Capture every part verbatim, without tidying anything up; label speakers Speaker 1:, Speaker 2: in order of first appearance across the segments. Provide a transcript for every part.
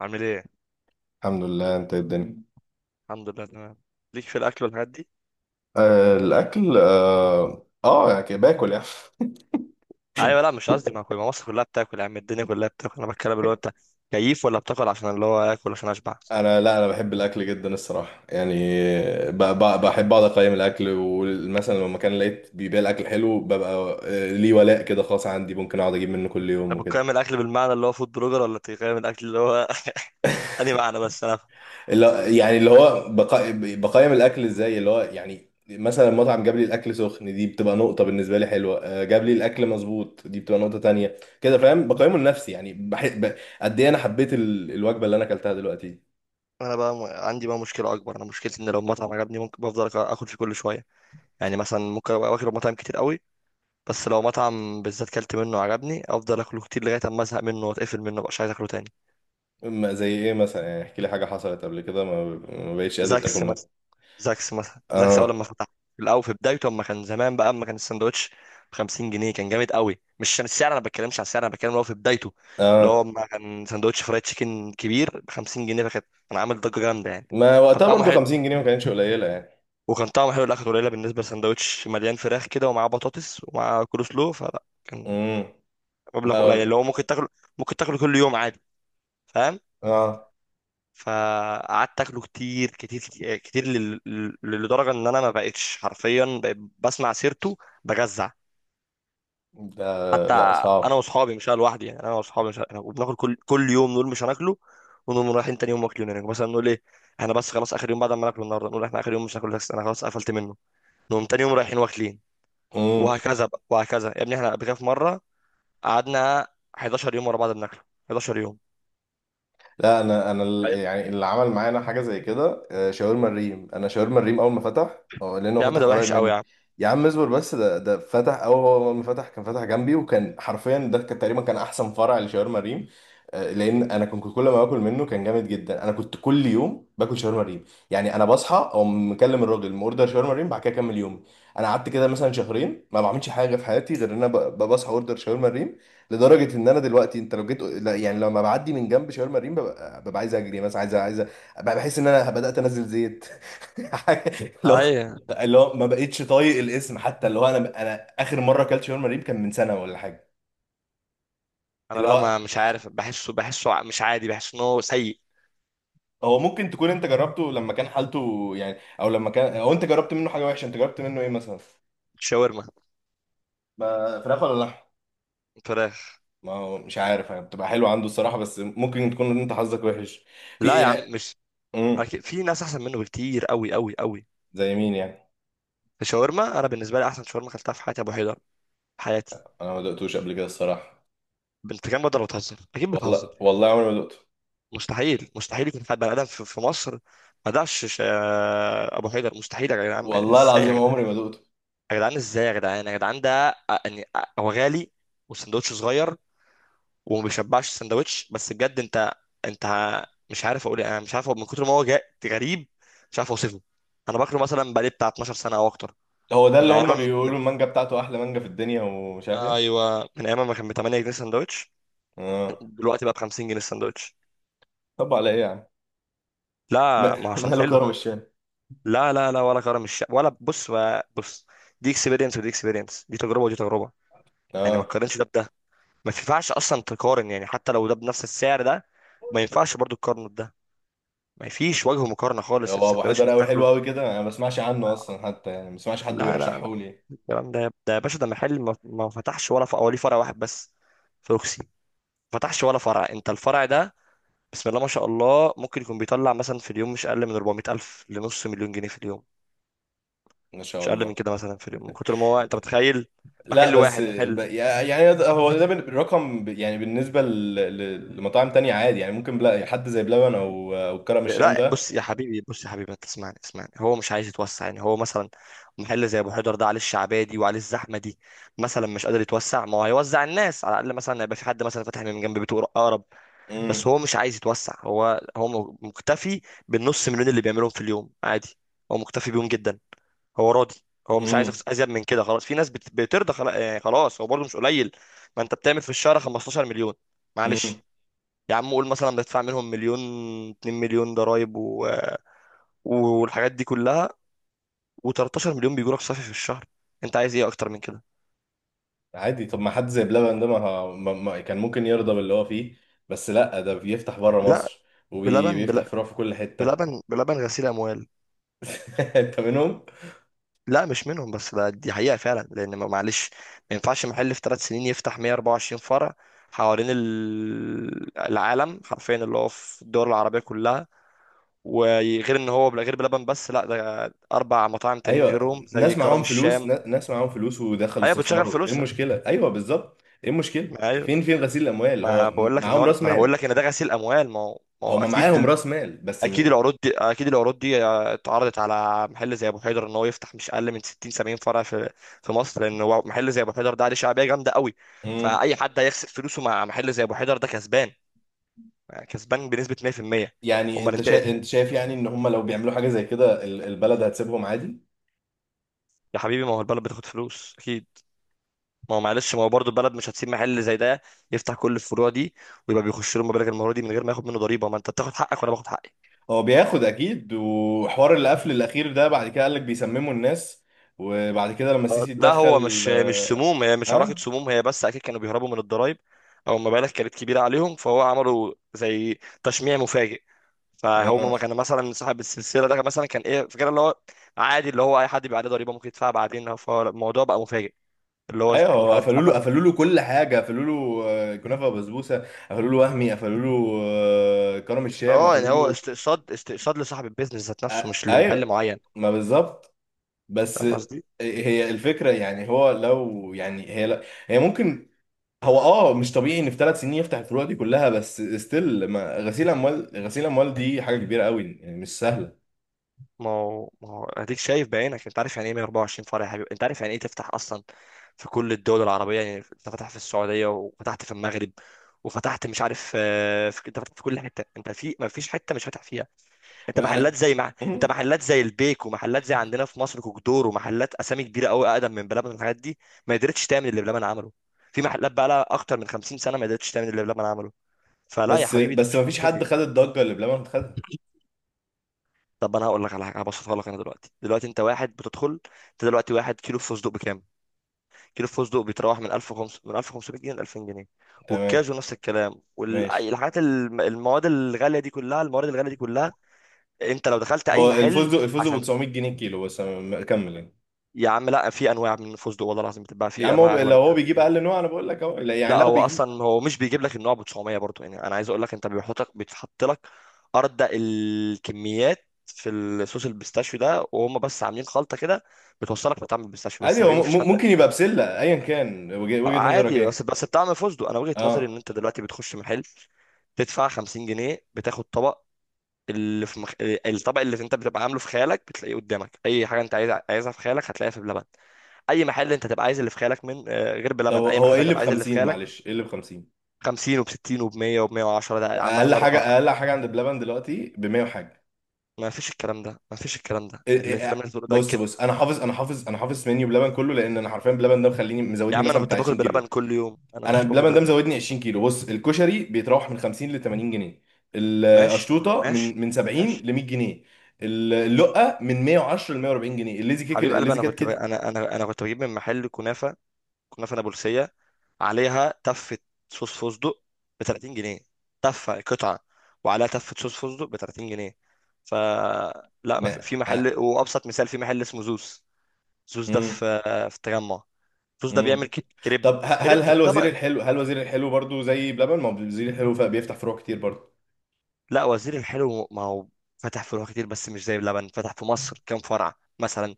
Speaker 1: عامل ايه؟
Speaker 2: الحمد لله. انت إيه الدنيا؟
Speaker 1: الحمد لله تمام. ليك في الاكل والحاجات دي؟
Speaker 2: آه الاكل اه، آه يعني كده باكل يعني.
Speaker 1: ايوه، لا مش قصدي، ما كل، ما مصر كلها بتاكل يا عم، الدنيا كلها بتاكل، انا بتكلم اللي هو انت كيف، ولا بتاكل عشان اللي هو اكل عشان اشبع؟
Speaker 2: انا لا انا بحب الاكل جدا الصراحه يعني. ب- ب- بحب اقعد اقيم الاكل، ومثلا لو مكان لقيت بيبيع الاكل حلو ببقى آه، ليه ولاء كده خاص عندي، ممكن اقعد اجيب منه كل يوم
Speaker 1: انت
Speaker 2: وكده.
Speaker 1: بتقيم الاكل بالمعنى اللي هو فود بلوجر، ولا بتقيم الاكل اللي هو انهي معنى؟ بس انا
Speaker 2: اللي يعني اللي هو بقا... بقيم الاكل ازاي؟ اللي هو يعني مثلا المطعم جاب لي الاكل سخن، دي بتبقى نقطه بالنسبه لي حلوه، آه، جاب لي الاكل
Speaker 1: مم.
Speaker 2: مظبوط، دي بتبقى نقطه تانية، كده فاهم؟ بقيمه لنفسي يعني بح... ب... قد ايه انا حبيت ال... الوجبه اللي انا اكلتها دلوقتي.
Speaker 1: انا بقى م... عندي بقى مشكله اكبر، انا مشكلتي ان لو مطعم عجبني ممكن بفضل أك- اكل فيه كل شويه. يعني مثلا ممكن ابقى واكل مطاعم كتير قوي، بس لو مطعم بالذات كلت منه عجبني افضل اكله كتير لغايه اما ازهق منه واتقفل منه مبقاش عايز اكله تاني.
Speaker 2: ما زي ايه مثلا؟ يعني احكي لي حاجه حصلت قبل كده ما, ما بقتش قادر تاكل
Speaker 1: زاكس
Speaker 2: منها.
Speaker 1: مثلا. زاكس مثلا، زاكس اول
Speaker 2: اه.
Speaker 1: لما فتح، في الاول في بدايته، اما كان زمان بقى، اما كان الساندوتش ب خمسين جنيه، كان جامد قوي. مش عشان السعر، انا ما بتكلمش على السعر، انا بتكلم اللي هو في بدايته، اللي هو
Speaker 2: اه،
Speaker 1: اما كان ساندوتش فرايد تشيكن كبير ب خمسين جنيه، فكان كان عامل ضجه جامده يعني.
Speaker 2: ما
Speaker 1: كان
Speaker 2: وقتها
Speaker 1: طعمه
Speaker 2: برضو
Speaker 1: حلو،
Speaker 2: خمسين جنيه ما كانتش قليله يعني.
Speaker 1: وكان طعمه حلو الاخر. قليله بالنسبه لساندوتش مليان فراخ كده ومعاه بطاطس ومعاه كول سلو، فلا كان
Speaker 2: امم. لا.
Speaker 1: مبلغ قليل اللي هو ممكن تاكله، ممكن تاكله كل يوم عادي. فاهم؟
Speaker 2: اه
Speaker 1: فقعدت اكله كتير كتير كتير لل- لل- لدرجه ان انا ما بقتش حرفيا، بقيت بسمع سيرته بجزع
Speaker 2: ده
Speaker 1: حتى.
Speaker 2: لا
Speaker 1: انا
Speaker 2: صعب.
Speaker 1: واصحابي، مش انا لوحدي يعني، انا واصحابي، مش أنا، وبناكل كل كل يوم، نقول مش هناكله، ونقوم رايحين تاني يوم واكلين. يعني مثلا نقول ايه، احنا بس خلاص اخر يوم، بعد ما ناكله النهارده نقول احنا اخر يوم مش هناكله، بس انا خلاص قفلت منه، نقوم تاني يوم رايحين واكلين، وهكذا بقى وهكذا. يا ابني احنا قبل كده في مره قعدنا حداشر يوم ورا بعض بناكله، حداشر يوم.
Speaker 2: لا انا انا ال- يعني اللي عمل معانا حاجه زي كده، آه، شاورما الريم. انا شاورما الريم اول ما فتح، اه، لانه
Speaker 1: يا عم
Speaker 2: فتح
Speaker 1: ده
Speaker 2: قريب
Speaker 1: وحش قوي
Speaker 2: مني.
Speaker 1: يا عم.
Speaker 2: يا عم اصبر بس، ده ده فتح، اول ما فتح كان فتح جنبي، وكان حرفيا ده كان تقريبا كان احسن فرع لشاورما الريم، آه، لان انا كنت كل ما باكل منه كان جامد جدا. انا كنت كل يوم باكل شاورما الريم، يعني انا بصحى اقوم مكلم الراجل اوردر شاورما الريم، بعد كده اكمل يومي. انا قعدت كده مثلا شهرين ما بعملش حاجه في حياتي غير ان انا ب- ب- بصحى اوردر شاورما الريم. لدرجه ان انا دلوقتي انت لو جيت، لا يعني لما بعدي من جنب شاورما مريم ببقى, ببقى عايز اجري، مثلا عايز عايز ببقى بحس ان انا بدات انزل زيت. اللي هو،
Speaker 1: اي،
Speaker 2: اللي هو ما بقتش طايق الاسم حتى. اللي هو انا انا اخر مره اكلت شاورما مريم كان من سنه ولا حاجه.
Speaker 1: انا
Speaker 2: اللي
Speaker 1: بقى
Speaker 2: هو
Speaker 1: ما مش عارف، بحسه بحسه ع- مش عادي، بحس ان هو سيء.
Speaker 2: هو ممكن تكون انت جربته لما كان حالته يعني، او لما كان، او انت جربت منه حاجه وحشه، انت جربت منه ايه مثلا؟
Speaker 1: شاورما
Speaker 2: ما فراخ ولا لحم؟
Speaker 1: فراخ.
Speaker 2: ما هو مش عارف يعني، بتبقى حلوه عنده الصراحه، بس ممكن تكون انت حظك وحش. في
Speaker 1: لا
Speaker 2: إيه
Speaker 1: يا عم
Speaker 2: يعني؟
Speaker 1: مش،
Speaker 2: امم.
Speaker 1: أكيد في ناس احسن منه بكتير قوي قوي قوي.
Speaker 2: زي مين يعني؟
Speaker 1: الشاورما انا بالنسبه لي احسن شاورما اكلتها في حياتي ابو حيدر، في حياتي.
Speaker 2: انا ما دقتوش قبل كده الصراحه.
Speaker 1: بنت كام بدل بتهزر، اكيد
Speaker 2: والله
Speaker 1: بتهزر.
Speaker 2: والله عمري ما دقته.
Speaker 1: مستحيل، مستحيل يكون حد بني ادم في في مصر ما دعش ش- ابو حيدر مستحيل يا جدعان،
Speaker 2: والله
Speaker 1: ازاي يا
Speaker 2: العظيم
Speaker 1: جدعان؟
Speaker 2: عمري ما دقته.
Speaker 1: يا جدعان ازاي يا جدعان؟ يا جدعان ده أ- يعني أ- هو غالي والسندوتش صغير وما بيشبعش السندوتش، بس بجد انت، انت ه- مش عارف اقول ايه، انا مش عارف، هو من كتر ما هو جا- غريب، مش عارف اوصفه. انا باكله مثلا بقالي بتاع اتناشر سنه او اكتر،
Speaker 2: هو ده
Speaker 1: من
Speaker 2: اللي هم
Speaker 1: ايام من
Speaker 2: بيقولوا المانجا بتاعته احلى مانجا في الدنيا ومش عارف
Speaker 1: آه،
Speaker 2: ايه؟
Speaker 1: ايوه من ايام ما كان ب تمن جنيه سندوتش،
Speaker 2: اه.
Speaker 1: دلوقتي بقى ب خمسين جنيه السندوتش.
Speaker 2: طب على ايه يا عم؟ ما-
Speaker 1: لا ما هو عشان
Speaker 2: ماله
Speaker 1: حلو.
Speaker 2: كرم الشام؟
Speaker 1: لا لا لا، ولا كرم الشام ولا بص بقى- بص، دي اكسبيرينس، ودي اكسبيرينس، دي تجربه ودي تجربه، يعني ما
Speaker 2: اه.
Speaker 1: تقارنش ده بده، ما ينفعش اصلا تقارن، يعني حتى لو ده بنفس السعر ده ما ينفعش برضو تقارنه بده. ما فيش وجه مقارنه خالص،
Speaker 2: هو ابو
Speaker 1: السندوتش
Speaker 2: حيدر
Speaker 1: انت
Speaker 2: قوي
Speaker 1: تاكله.
Speaker 2: حلو قوي كده؟ انا ما بسمعش عنه اصلا حتى، يعني ما بسمعش حد
Speaker 1: لا لا
Speaker 2: بيرشحه
Speaker 1: لا،
Speaker 2: لي.
Speaker 1: الكلام ده، ده يا باشا ده محل ما ما فتحش ولا فرع، وليه فرع واحد بس في روكسي، ما فتحش ولا فرع. انت الفرع ده، بسم الله ما شاء الله، ممكن يكون بيطلع مثلا في اليوم مش اقل من اربعمية الف لنص مليون جنيه في اليوم،
Speaker 2: ما شاء
Speaker 1: مش اقل من
Speaker 2: الله.
Speaker 1: كده مثلا في اليوم، من كتر ما هو، انت متخيل محل
Speaker 2: لا بس
Speaker 1: واحد؟
Speaker 2: ب-
Speaker 1: محل.
Speaker 2: يعني ده- هو ده بال- رقم ب- يعني بالنسبه ل- ل- لمطاعم تانية عادي، يعني ممكن بلا حد زي بلبن او او كرم الشام
Speaker 1: لا
Speaker 2: ده.
Speaker 1: بص يا حبيبي، بص يا حبيبي انت اسمعني، اسمعني، هو مش عايز يتوسع، يعني هو مثلا محل زي ابو حيدر ده عليه الشعبيه دي وعليه الزحمه دي مثلا مش قادر يتوسع. ما هو هيوزع الناس على الاقل، مثلا هيبقى في حد مثلا فاتح من جنب بيته اقرب،
Speaker 2: امم.
Speaker 1: بس هو مش عايز يتوسع. هو هو م- مكتفي بالنص مليون اللي بيعملهم في اليوم عادي، هو مكتفي بيهم جدا، هو راضي، هو مش عايز
Speaker 2: امم.
Speaker 1: أفس- ازيد من كده. خلاص في ناس بت- بترضى خلا- يعني خلاص، هو برضه مش قليل. ما انت بتعمل في الشهر خمستاشر مليون،
Speaker 2: امم.
Speaker 1: معلش، يا عم قول مثلا بدفع منهم مليون، اتنين مليون ضرايب و... والحاجات دي كلها، و13 مليون بيجوا لك صافي في الشهر، انت عايز ايه اكتر من كده؟
Speaker 2: عادي، طب ما حد زي بلبن ده ما, ه- ما, ما كان ممكن يرضى باللي هو فيه؟ بس لا ده بيفتح بره
Speaker 1: لا
Speaker 2: مصر
Speaker 1: بلبن
Speaker 2: وبيفتح
Speaker 1: بل...
Speaker 2: فروع في كل حتة.
Speaker 1: بلبن، بلبن غسيل اموال.
Speaker 2: انت منهم؟
Speaker 1: لا مش منهم، بس ده دي حقيقة فعلا، لأن ما- معلش، ما ينفعش محل في ثلاث سنين يفتح مية واربعه وعشرين فرع حوالين ال- العالم حرفيا، اللي هو في الدول العربية كلها، وغير ان هو بلا- غير بلبن بس، لا ده اربع مطاعم تانيين
Speaker 2: ايوه
Speaker 1: غيرهم زي
Speaker 2: ناس
Speaker 1: كرم
Speaker 2: معاهم فلوس،
Speaker 1: الشام.
Speaker 2: نا- ناس معاهم فلوس ودخلوا
Speaker 1: ايوه بتشغل
Speaker 2: استثمروا، ايه
Speaker 1: فلوسها،
Speaker 2: المشكلة؟ ايوه بالظبط، ايه المشكلة؟
Speaker 1: ما ايوه،
Speaker 2: فين فين غسيل الاموال؟
Speaker 1: ما
Speaker 2: هو
Speaker 1: بقول لك ان
Speaker 2: معاهم
Speaker 1: هو، ما
Speaker 2: راس
Speaker 1: انا بقول
Speaker 2: مال.
Speaker 1: لك ان ده غسيل اموال، ما هو، ما هو
Speaker 2: هما معاهم
Speaker 1: اكيد.
Speaker 2: راس مال بس
Speaker 1: اكيد
Speaker 2: م...
Speaker 1: العروض دي، اكيد العروض دي اتعرضت على محل زي ابو حيدر ان هو يفتح مش اقل من ستين سبعين فرع في في مصر، لان هو محل زي ابو حيدر ده عليه شعبيه جامده قوي،
Speaker 2: مم.
Speaker 1: فاي حد هيخسر فلوسه مع محل زي ابو حيدر ده كسبان، يعني كسبان بنسبه مية في المية.
Speaker 2: يعني
Speaker 1: امال
Speaker 2: انت
Speaker 1: انت إيه؟
Speaker 2: شا... انت شايف يعني ان هما لو بيعملوا حاجة زي كده ال- البلد هتسيبهم عادي؟
Speaker 1: يا حبيبي ما هو البلد بتاخد فلوس اكيد، ما هو معلش، ما هو برضه البلد مش هتسيب محل زي ده يفتح كل الفروع دي ويبقى بيخش له مبالغ المره دي من غير ما ياخد منه ضريبه. ما انت بتاخد حقك وانا باخد حقي.
Speaker 2: هو بياخد اكيد. وحوار القفل الاخير ده بعد كده قال لك بيسمموا الناس، وبعد كده لما
Speaker 1: آه،
Speaker 2: السيسي
Speaker 1: لا هو
Speaker 2: اتدخل.
Speaker 1: مش مش
Speaker 2: اه.
Speaker 1: سموم، هي مش علاقة
Speaker 2: اه.
Speaker 1: سموم هي، بس أكيد كانوا بيهربوا من الضرايب أو المبالغ كانت كبيرة عليهم، فهو عملوا زي تشميع مفاجئ. فهم
Speaker 2: آه.
Speaker 1: ما كان مثلا صاحب السلسلة ده مثلا كان إيه فكرة اللي هو عادي، اللي هو أي حد بيبقى عليه ضريبة ممكن يدفعها بعدين، فالموضوع بقى مفاجئ اللي هو
Speaker 2: ايوه هو
Speaker 1: المحلات
Speaker 2: قفلوا له،
Speaker 1: اتقفلت.
Speaker 2: قفلوا له كل حاجه، قفلوا له آه، كنافه وبسبوسه، قفلوا له وهمي، قفلوا له آه، كرم الشام
Speaker 1: اه يعني
Speaker 2: قفلوا
Speaker 1: هو
Speaker 2: له.
Speaker 1: استقصاد، استقصاد لصاحب البيزنس ذات نفسه
Speaker 2: آه،
Speaker 1: مش لمحل
Speaker 2: ايوه
Speaker 1: معين.
Speaker 2: ما بالظبط. بس
Speaker 1: فاهم قصدي؟
Speaker 2: هي الفكره يعني هو لو، يعني هي لا هي ممكن هو اه مش طبيعي ان في ثلاث سنين يفتح الفروع دي كلها، بس ستيل ما، غسيل اموال، غسيل اموال دي حاجه كبيره قوي يعني مش سهله.
Speaker 1: ما هو، ما هو اديك شايف بعينك، انت عارف يعني ايه مية اربعه وعشرين فرع يا حبيبي؟ انت عارف يعني ايه تفتح اصلا في كل الدول العربية؟ يعني انت فتح في السعودية، وفتحت في المغرب، وفتحت مش عارف آه، في، انت فتحت في كل حتة، انت في ما فيش حتة مش فاتح فيها. انت محلات
Speaker 2: انا.
Speaker 1: زي مع... انت
Speaker 2: مم.
Speaker 1: محلات زي البيك، ومحلات زي عندنا في مصر كوكدور، ومحلات اسامي كبيرة قوي اقدم من بلبن والحاجات دي ما قدرتش تعمل اللي بلبن عمله، في محلات بقى لها اكتر من خمسين سنة ما قدرتش تعمل اللي بلبن عمله، فلا يا
Speaker 2: بس
Speaker 1: حبيبي ده
Speaker 2: بس ما
Speaker 1: مش
Speaker 2: فيش
Speaker 1: منطقي.
Speaker 2: حد خد الضجه اللي بلبن خدها.
Speaker 1: طب انا هقول لك على حاجة هبسطها لك. انا دلوقتي، دلوقتي انت واحد بتدخل، انت دلوقتي واحد كيلو فستق بكام؟ كيلو فستق بيتراوح من الف وخمسميه، من الف وخمسميه جنيه ل الفين جنيه،
Speaker 2: تمام.
Speaker 1: والكاجو نفس الكلام،
Speaker 2: ماشي.
Speaker 1: والحاجات المواد الغاليه دي كلها، الموارد الغاليه دي كلها، انت لو دخلت اي
Speaker 2: هو
Speaker 1: محل
Speaker 2: الفوز، الفوز ب
Speaker 1: عشان،
Speaker 2: تسعمية جنيه الكيلو، بس أنا م- كمل يعني.
Speaker 1: يا عم لا، في انواع من الفستق والله العظيم بتتباع،
Speaker 2: يا
Speaker 1: في
Speaker 2: عم هو ب-
Speaker 1: انواع اغلى من
Speaker 2: لو هو
Speaker 1: كده
Speaker 2: بيجيب
Speaker 1: بكتير.
Speaker 2: اقل نوع انا بقول لك اهو، لا، يعني
Speaker 1: لا
Speaker 2: لو
Speaker 1: هو
Speaker 2: بيجيب
Speaker 1: اصلا هو مش بيجيب لك النوع ب تسعميه برضه، يعني انا عايز اقول لك انت بيحطك، بيتحط لك ارض الكميات في الصوص البيستاشيو ده، وهم بس عاملين خلطه كده بتوصلك لطعم البيستاشيو بس،
Speaker 2: عادي
Speaker 1: يا
Speaker 2: هو
Speaker 1: حبيبي مفيش حد
Speaker 2: م- ممكن يبقى بسله، ايا كان وجه- وجهه نظرك
Speaker 1: عادي بس،
Speaker 2: ايه.
Speaker 1: بس بتعمل فستق. انا وجهة نظري ان
Speaker 2: اه.
Speaker 1: انت دلوقتي بتخش محل تدفع خمسين جنيه بتاخد طبق اللي في مخ... الطبق اللي انت بتبقى عامله في خيالك بتلاقيه قدامك، اي حاجه انت عايز عايزها في خيالك هتلاقيها في بلبن، اي محل انت تبقى عايز اللي في خيالك من آه، غير
Speaker 2: طب
Speaker 1: بلبن اي
Speaker 2: هو
Speaker 1: محل
Speaker 2: ايه اللي ب
Speaker 1: هتبقى عايز اللي في
Speaker 2: خمسين؟
Speaker 1: خيالك
Speaker 2: معلش ايه اللي ب خمسين؟
Speaker 1: خمسين وب ستين وب ميه وب ميه وعشره، ده عامه
Speaker 2: اقل حاجه
Speaker 1: الارقام.
Speaker 2: اقل حاجه عند بلبن دلوقتي ب مية وحاجه.
Speaker 1: ما فيش الكلام ده، ما فيش الكلام ده
Speaker 2: إيه- إيه-
Speaker 1: اللي، الكلام
Speaker 2: إيه،
Speaker 1: اللي بتقوله ده
Speaker 2: بص
Speaker 1: كده.
Speaker 2: بص، انا حافظ انا حافظ انا حافظ منيو بلبن كله، لان انا حرفيا بلبن ده مخليني
Speaker 1: يا
Speaker 2: مزودني
Speaker 1: عم انا
Speaker 2: مثلا
Speaker 1: كنت
Speaker 2: بتاع
Speaker 1: باكل
Speaker 2: عشرين
Speaker 1: بلبن
Speaker 2: كيلو.
Speaker 1: كل يوم، انا
Speaker 2: انا
Speaker 1: كنت باكل
Speaker 2: بلبن ده
Speaker 1: بلبن كل
Speaker 2: مزودني
Speaker 1: يوم.
Speaker 2: عشرين كيلو. بص الكشري بيتراوح من خمسين ل تمانين جنيه،
Speaker 1: ماشي طب
Speaker 2: القشطوطه
Speaker 1: ماشي،
Speaker 2: من من
Speaker 1: طب
Speaker 2: سبعين
Speaker 1: ماشي
Speaker 2: ل مية جنيه،
Speaker 1: ماشي.
Speaker 2: اللقه من مئة وعشرة ل مئة واربعين جنيه، الليزي كيك،
Speaker 1: حبيب قلبي
Speaker 2: الليزي
Speaker 1: انا
Speaker 2: كات
Speaker 1: كنت ب...
Speaker 2: كده.
Speaker 1: انا انا انا كنت بجيب من محل كنافه، كنافه نابلسيه عليها تفه صوص فستق ب تلاتين جنيه، تفه قطعه وعليها تفه صوص فستق ب تلاتين جنيه، ف لا، ما في
Speaker 2: ما
Speaker 1: في محل،
Speaker 2: آه.
Speaker 1: وابسط مثال في محل اسمه زوس، زوس ده
Speaker 2: مم.
Speaker 1: في في التجمع، زوس ده بيعمل
Speaker 2: مم.
Speaker 1: كي- كريب،
Speaker 2: طب ه- هل
Speaker 1: كريب
Speaker 2: هل وزير
Speaker 1: طبعا.
Speaker 2: الحلو، هل وزير الحلو برضو زي بلبن؟ ما هو وزير الحلو ف- بيفتح فروع كتير برضو.
Speaker 1: لا وزير الحلو، ما هو فتح فروع كتير بس مش زي بلبن، فتح في مصر كام فرع مثلا؟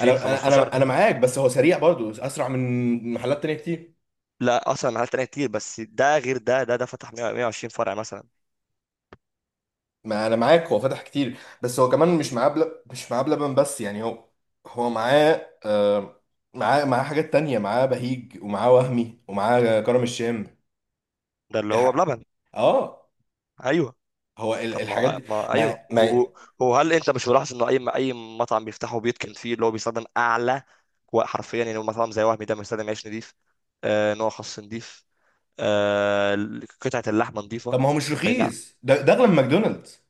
Speaker 2: انا انا
Speaker 1: خمستاشر.
Speaker 2: انا أنا معاك، بس هو سريع برضو اسرع من محلات تانية كتير.
Speaker 1: لا اصلا محلات تانية كتير، بس ده غير، ده ده ده فتح ميه ميه وعشرين فرع مثلا،
Speaker 2: ما انا معاك، هو فتح كتير بس هو كمان مش معاه بل... مش معاه بلبن بس، يعني هو هو معاه آه... معاه، معاه حاجات تانية، معاه بهيج، ومعاه وهمي، ومعاه كرم الشام.
Speaker 1: ده اللي هو
Speaker 2: الح...
Speaker 1: بلبن.
Speaker 2: اه
Speaker 1: ايوه
Speaker 2: هو ال...
Speaker 1: طب
Speaker 2: الحاجات
Speaker 1: ما
Speaker 2: دي
Speaker 1: ما ايوه
Speaker 2: ما... ما
Speaker 1: و- وهل انت مش ملاحظ انه اي اي مطعم بيفتحه بيتكن فيه اللي هو بيستخدم اعلى و- حرفيا يعني مطعم زي وهمي ده بيستخدم عيش نضيف، آه نوع خس نضيف، آه قطعه اللحمه
Speaker 2: طب
Speaker 1: نضيفه.
Speaker 2: ما هو مش
Speaker 1: اي نعم.
Speaker 2: رخيص ده؟ ده اغلى من ماكدونالدز.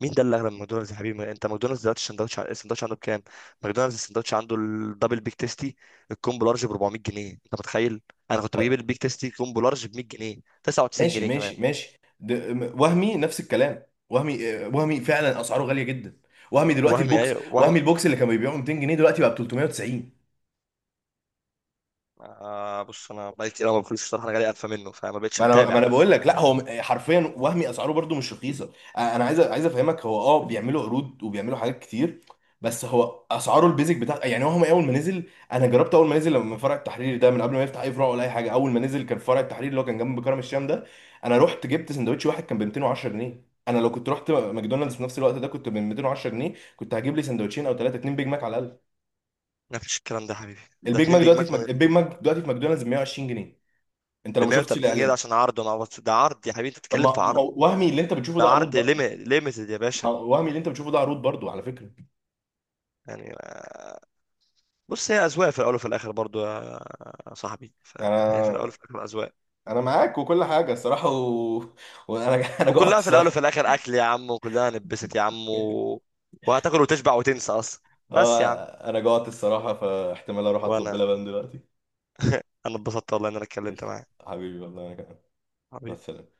Speaker 1: مين ده اللي اغلى من ماكدونالدز يا حبيبي؟ ما انت ماكدونالدز دلوقتي السندوتش، السندوتش عنده بكام؟ ماكدونالدز السندوتش عنده الدبل بيك تيستي الكومبو لارج ب اربعميه جنيه، انت متخيل؟ انا كنت بجيب البيك تيستي كومبو لارج ب ميه جنيه 99
Speaker 2: ماشي
Speaker 1: جنيه كمان.
Speaker 2: ماشي ماشي ده... م- وهمي نفس الكلام. وهمي آه، وهمي فعلا اسعاره غالية جدا. وهمي دلوقتي
Speaker 1: وهمي
Speaker 2: البوكس،
Speaker 1: ايوه
Speaker 2: وهمي
Speaker 1: وهمي،
Speaker 2: البوكس اللي كان بيبيعه ميتين جنيه دلوقتي بقى ب تلتمية وتسعين.
Speaker 1: آه بص انا بقالي كتير أوي ما باكلش الصراحه، انا جالي قرفه منه فما بقتش
Speaker 2: ما انا ما
Speaker 1: متابع.
Speaker 2: انا بقول لك لا، هو حرفيا وهمي اسعاره برضو مش رخيصه. انا عايز عايز افهمك، هو اه بيعملوا عروض وبيعملوا حاجات كتير، بس هو اسعاره البيزك بتاع، يعني هو اول ما نزل، انا جربت اول ما نزل لما فرع التحرير ده من قبل ما يفتح اي فروع ولا اي حاجه، اول ما نزل كان فرع التحرير اللي هو كان جنب كرم الشام ده، انا رحت جبت سندوتش واحد كان ب ميتين وعشرة جنيه. انا لو كنت رحت ماكدونالدز في نفس الوقت ده كنت ب ميتين وعشرة جنيه كنت هجيب لي سندوتشين او ثلاثه، اتنين بيج ماك على الاقل.
Speaker 1: ما فيش الكلام ده يا حبيبي، ده
Speaker 2: البيج
Speaker 1: اتنين
Speaker 2: ماك
Speaker 1: بيج
Speaker 2: دلوقتي
Speaker 1: ماك
Speaker 2: في مك...
Speaker 1: من
Speaker 2: البيج ماك دلوقتي في ماكدونالدز ب مية وعشرين جنيه. انت لو
Speaker 1: ب
Speaker 2: ما شفتش
Speaker 1: ميه وتلاتين جنيه، ده
Speaker 2: الاعلان.
Speaker 1: عشان عرض، انا عبط- ده عرض يا حبيبي، انت
Speaker 2: طب
Speaker 1: بتتكلم في
Speaker 2: ما ما
Speaker 1: عرض،
Speaker 2: هو وهمي اللي انت بتشوفه
Speaker 1: ده
Speaker 2: ده عروض،
Speaker 1: عرض ليمي- ليميتد يا باشا.
Speaker 2: وهمي اللي انت بتشوفه ده عروض برضو على فكره.
Speaker 1: يعني بص، هي اذواق في الاول وفي الاخر برضو يا صاحبي، فهي في الاول
Speaker 2: انا
Speaker 1: وفي الاخر اذواق،
Speaker 2: انا معاك وكل حاجه الصراحه و... وانا انا جوعت
Speaker 1: وكلها في الاول
Speaker 2: الصراحه.
Speaker 1: وفي الاخر اكل يا عم، وكلها نبست يا عم و... وهتاكل وتشبع وتنسى اصلا. بس يا
Speaker 2: اه
Speaker 1: عم،
Speaker 2: انا جوعت الصراحه، فاحتمال اروح اطلب
Speaker 1: وانا
Speaker 2: بلبن دلوقتي.
Speaker 1: انا اتبسطت والله ان انا اتكلمت
Speaker 2: قشطة.
Speaker 1: معاك
Speaker 2: حبيبي والله انا كمان. مع
Speaker 1: حبيبي.
Speaker 2: السلامه.